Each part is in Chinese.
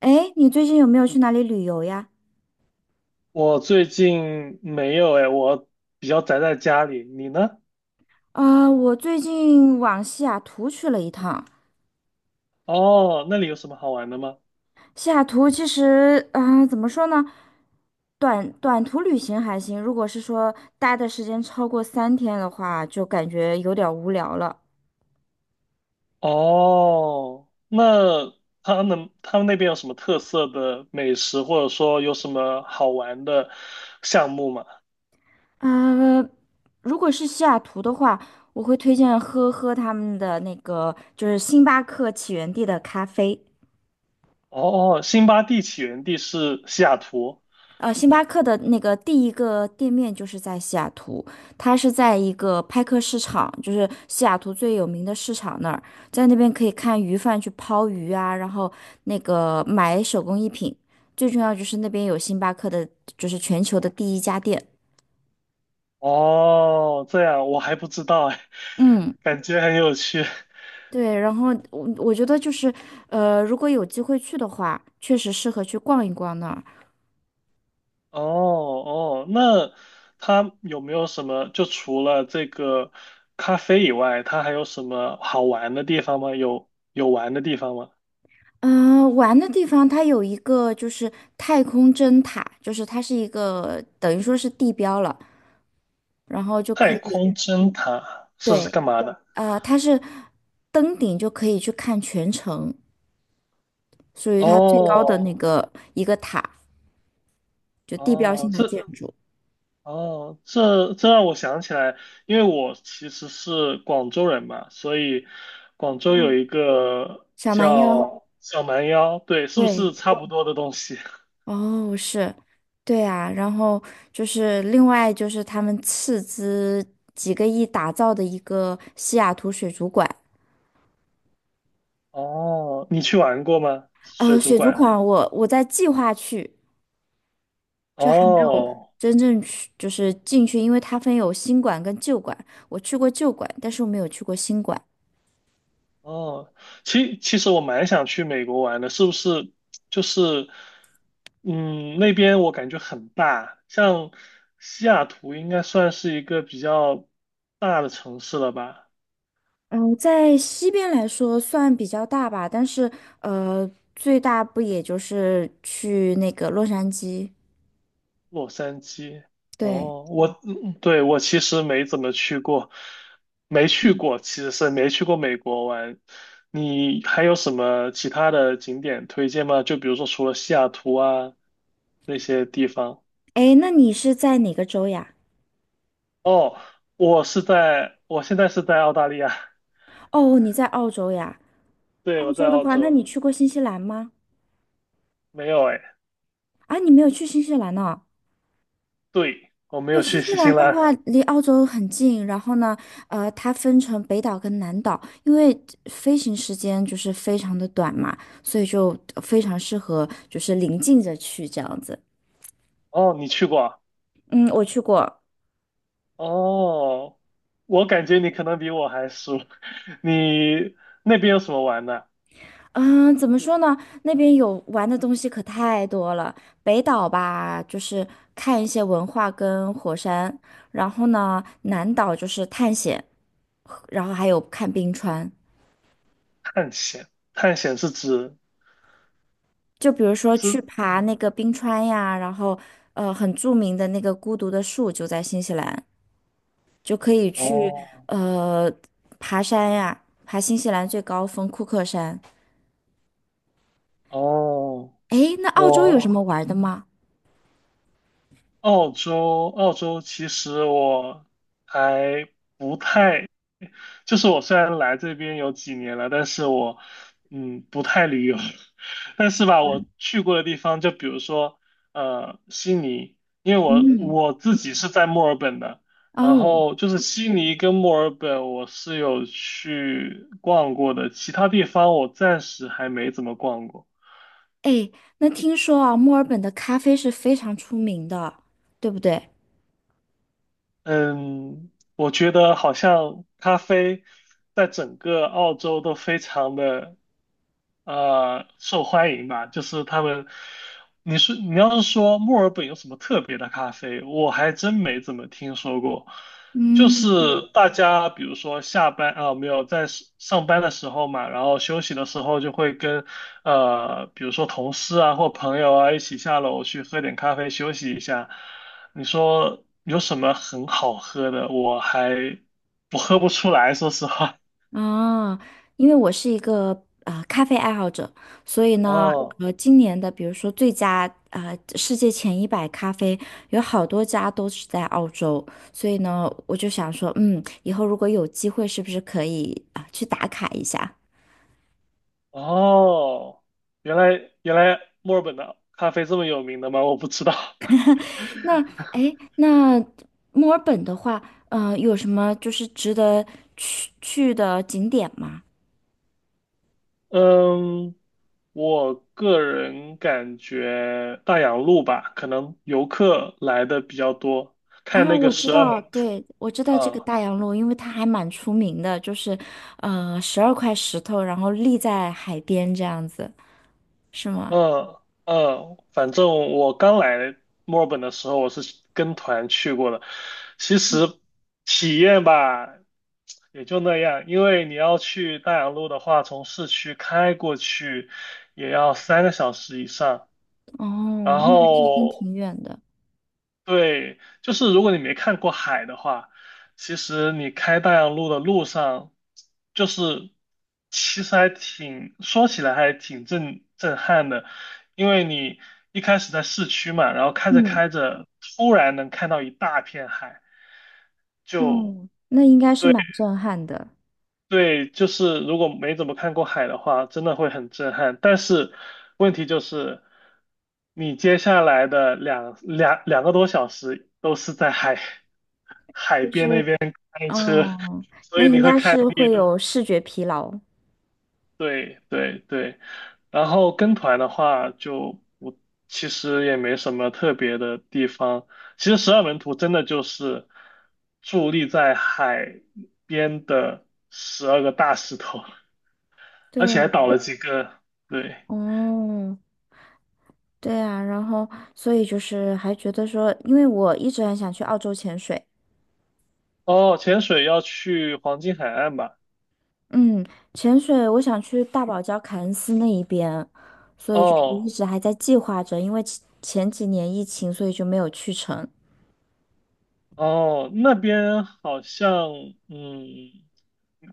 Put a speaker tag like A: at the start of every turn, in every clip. A: 哎，你最近有没有去哪里旅游呀？
B: 我最近没有哎，我比较宅在家里。你呢？
A: 我最近往西雅图去了一趟。
B: 哦，那里有什么好玩的吗？
A: 西雅图其实，怎么说呢，短途旅行还行，如果是说待的时间超过3天的话，就感觉有点儿无聊了。
B: 哦，那他们那边有什么特色的美食，或者说有什么好玩的项目吗？
A: 呃，如果是西雅图的话，我会推荐喝喝他们的那个，就是星巴克起源地的咖啡。
B: 哦，辛巴蒂起源地是西雅图。
A: 星巴克的那个第一个店面就是在西雅图，它是在一个派克市场，就是西雅图最有名的市场那儿，在那边可以看鱼贩去抛鱼啊，然后那个买手工艺品，最重要就是那边有星巴克的，就是全球的第一家店。
B: 哦，这样我还不知道哎，
A: 嗯，
B: 感觉很有趣。
A: 对，然后我觉得就是，如果有机会去的话，确实适合去逛一逛那儿。
B: 哦哦，那它有没有什么？就除了这个咖啡以外，它还有什么好玩的地方吗？有玩的地方吗？
A: 嗯，玩的地方它有一个就是太空针塔，就是它是一个等于说是地标了，然后就可
B: 太空
A: 以，
B: 针塔是干
A: 对，
B: 嘛的？
A: 它是登顶就可以去看全城，属于它最高的那
B: 哦
A: 个一个塔，就地标
B: 哦，
A: 性的
B: 这
A: 建筑。
B: 哦这这让我想起来，因为我其实是广州人嘛，所以广州有
A: 嗯，
B: 一个
A: 小蛮腰，
B: 叫小蛮腰，对，是不是
A: 对，
B: 差不多的东西？
A: 哦，是，对啊，然后就是另外就是他们斥资几个亿打造的一个西雅图水族馆。
B: 哦，你去玩过吗？水族
A: 水族
B: 馆？
A: 馆我在计划去，就还没有
B: 哦
A: 真正去，就是进去，因为它分有新馆跟旧馆。我去过旧馆，但是我没有去过新馆。
B: 哦，其实我蛮想去美国玩的，是不是？就是，嗯，那边我感觉很大，像西雅图应该算是一个比较大的城市了吧？
A: 嗯，在西边来说算比较大吧，但是呃，最大不也就是去那个洛杉矶？
B: 洛杉矶。
A: 对，
B: 哦，我，嗯对，我其实没怎么去过，没去
A: 嗯，
B: 过，其实是没去过美国玩。你还有什么其他的景点推荐吗？就比如说除了西雅图啊那些地方。
A: 哎，那你是在哪个州呀？
B: 哦，我是在，我现在是在澳大利亚，
A: 哦，你在澳洲呀？
B: 对，
A: 澳
B: 我在
A: 洲的
B: 澳
A: 话，那
B: 洲，
A: 你去过新西兰吗？
B: 没有哎，
A: 啊，你没有去新西兰呢？
B: 对，我没
A: 因为
B: 有
A: 新
B: 去
A: 西
B: 新西
A: 兰的
B: 兰。
A: 话离澳洲很近，然后呢，它分成北岛跟南岛，因为飞行时间就是非常的短嘛，所以就非常适合就是临近着去这样子。
B: 哦，你去过啊。
A: 嗯，我去过，
B: 哦，我感觉你可能比我还熟。你那边有什么玩的？
A: 嗯，怎么说呢？那边有玩的东西可太多了。北岛吧，就是看一些文化跟火山，然后呢，南岛就是探险，然后还有看冰川。
B: 探险？探险是指
A: 就比如说去
B: 是？
A: 爬那个冰川呀，然后很著名的那个孤独的树就在新西兰，就可以去
B: 哦
A: 呃爬山呀，爬新西兰最高峰库克山。
B: 哦，
A: 诶，那澳洲有什么
B: 我
A: 玩的吗？
B: 澳洲，澳洲其实我还。不太。就是我虽然来这边有几年了，但是我不太旅游，但是吧，我去过的地方，就比如说悉尼，因为我
A: 嗯，
B: 我自己是在墨尔本的，然
A: 哦，
B: 后就是悉尼跟墨尔本我是有去逛过的，其他地方我暂时还没怎么逛过。
A: 诶，那听说啊，墨尔本的咖啡是非常出名的，对不对？
B: 嗯，我觉得好像咖啡在整个澳洲都非常的受欢迎吧，就是他们，你要是说墨尔本有什么特别的咖啡，我还真没怎么听说过。就是
A: 嗯，
B: 大家比如说下班啊，没有在上班的时候嘛，然后休息的时候就会跟比如说同事啊或朋友啊一起下楼去喝点咖啡休息一下。你说有什么很好喝的？我喝不出来，说实话。
A: 啊，因为我是一个咖啡爱好者，所以 呢，
B: 哦
A: 今年的比如说最佳世界前100咖啡，有好多家都是在澳洲，所以呢，我就想说，以后如果有机会，是不是可以去打卡一下？
B: 哦，原来墨尔本的咖啡这么有名的吗？我不知道。
A: 那哎，那墨尔本的话，有什么就是值得去的景点吗？
B: 嗯，我个人感觉大洋路吧，可能游客来的比较多，看
A: 啊，
B: 那个
A: 我知
B: 十二门。
A: 道 对，我知道这个
B: 啊。
A: 大洋路，因为它还蛮出名的，就是，12块石头，然后立在海边这样子，是吗？
B: 嗯嗯，反正我刚来墨尔本的时候，我是跟团去过的。其实体验吧，也就那样，因为你要去大洋路的话，从市区开过去也要3个小时以上。
A: 哦，
B: 然
A: 那还是真
B: 后
A: 挺远的。
B: 对，就是如果你没看过海的话，其实你开大洋路的路上，就是其实还挺，说起来还挺震撼的，因为你一开始在市区嘛，然后开着
A: 嗯，
B: 开着，突然能看到一大片海，就。
A: 哦，那应该是蛮震撼的，
B: 对，就是如果没怎么看过海的话，真的会很震撼。但是问题就是，你接下来的2个多小时都是在海
A: 就是，
B: 海车，
A: 哦，
B: 所
A: 那
B: 以
A: 应
B: 你会
A: 该
B: 看，
A: 是会有视觉疲劳
B: 对对对。然后跟团的话就，我其实也没什么特别的地方。其实12门徒真的就是伫立在海边的12个大石头，而且还
A: 对，
B: 倒了几个，对。
A: 哦，对啊，然后所以就是还觉得说，因为我一直很想去澳洲潜水。
B: 哦，潜水要去黄金海岸吧？
A: 嗯，潜水我想去大堡礁凯恩斯那一边，所以就是一
B: 哦
A: 直还在计划着，因为前几年疫情，所以就没有去成。
B: 哦，那边好像嗯，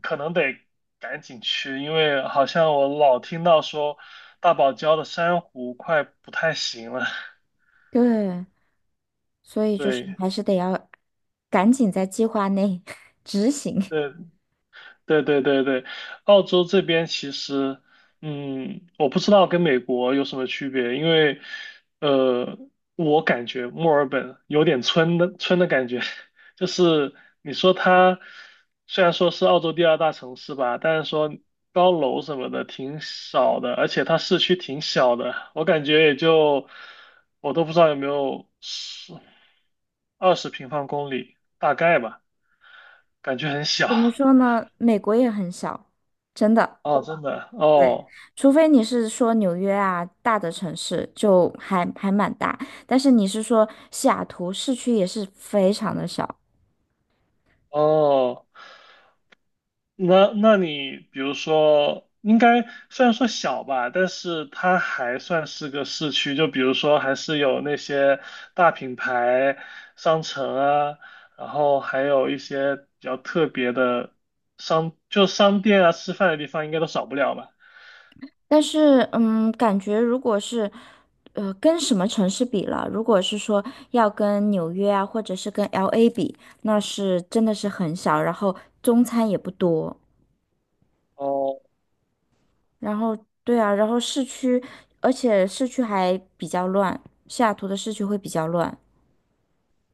B: 可能得赶紧去，因为好像我老听到说大堡礁的珊瑚快不太行了。
A: 对，所以就是
B: 对
A: 还是得要赶紧在计划内 执行。
B: 对对对对对，澳洲这边其实，我不知道跟美国有什么区别，因为，呃，我感觉墨尔本有点村的感觉，就是你说它虽然说是澳洲第二大城市吧，但是说高楼什么的挺少的，而且它市区挺小的，我感觉也就我都不知道有没有十20平方公里，大概吧，感觉很小。
A: 怎么说呢？美国也很小，真的。
B: 哦，真的
A: 对，
B: 哦。
A: 除非你是说纽约啊，大的城市就还蛮大，但是你是说西雅图市区也是非常的小。
B: 哦，那你比如说，应该虽然说小吧，但是它还算是个市区，就比如说还是有那些大品牌商城啊，然后还有一些比较特别的就商店啊，吃饭的地方应该都少不了吧？
A: 但是，感觉如果是，跟什么城市比了？如果是说要跟纽约啊，或者是跟 LA 比，那是真的是很少，然后中餐也不多，
B: 哦
A: 然后对啊，然后市区，而且市区还比较乱，西雅图的市区会比较乱。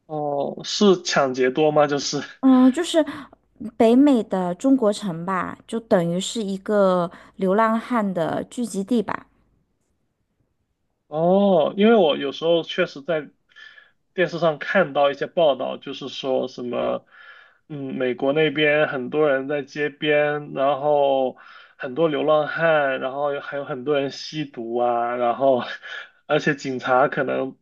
B: 哦，是抢劫多吗？就是。
A: 嗯，就是北美的中国城吧，就等于是一个流浪汉的聚集地吧，
B: 哦，因为我有时候确实在电视上看到一些报道，就是说什么，美国那边很多人在街边，然后很多流浪汉，然后还有很多人吸毒啊，然后而且警察可能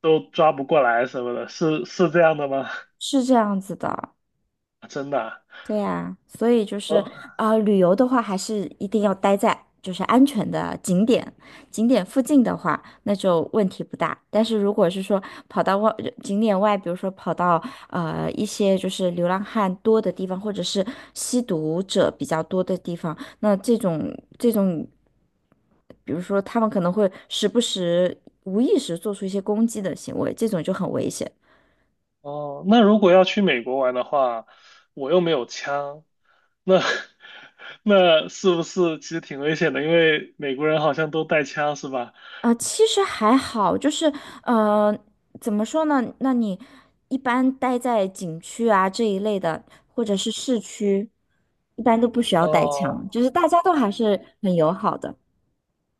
B: 都抓不过来什么的，是这样的吗？
A: 是这样子的。
B: 真的啊？
A: 对呀，所以就是
B: 哦
A: 旅游的话还是一定要待在就是安全的景点，景点附近的话，那就问题不大。但是如果是说跑到外景点外，比如说跑到一些就是流浪汉多的地方，或者是吸毒者比较多的地方，那这种，比如说他们可能会时不时无意识做出一些攻击的行为，这种就很危险。
B: 哦，那如果要去美国玩的话，我又没有枪，那 那是不是其实挺危险的？因为美国人好像都带枪，是吧？
A: 啊，其实还好，就是呃，怎么说呢？那你一般待在景区啊这一类的，或者是市区，一般都不需要带枪，
B: 哦，
A: 就是大家都还是很友好的。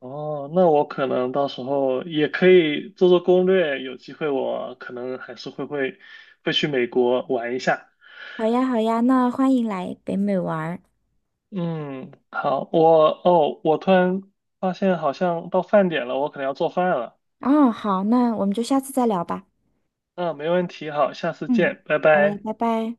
B: 哦，那我可能到时候也可以做做攻略，有机会我可能还是会去美国玩一下。
A: 好呀，好呀，那欢迎来北美玩儿。
B: 嗯，好，我突然发现好像到饭点了，我可能要做饭了。
A: 哦，好，那我们就下次再聊吧。
B: 嗯，没问题，好，下次
A: 嗯，
B: 见，拜
A: 好嘞，
B: 拜。
A: 拜拜。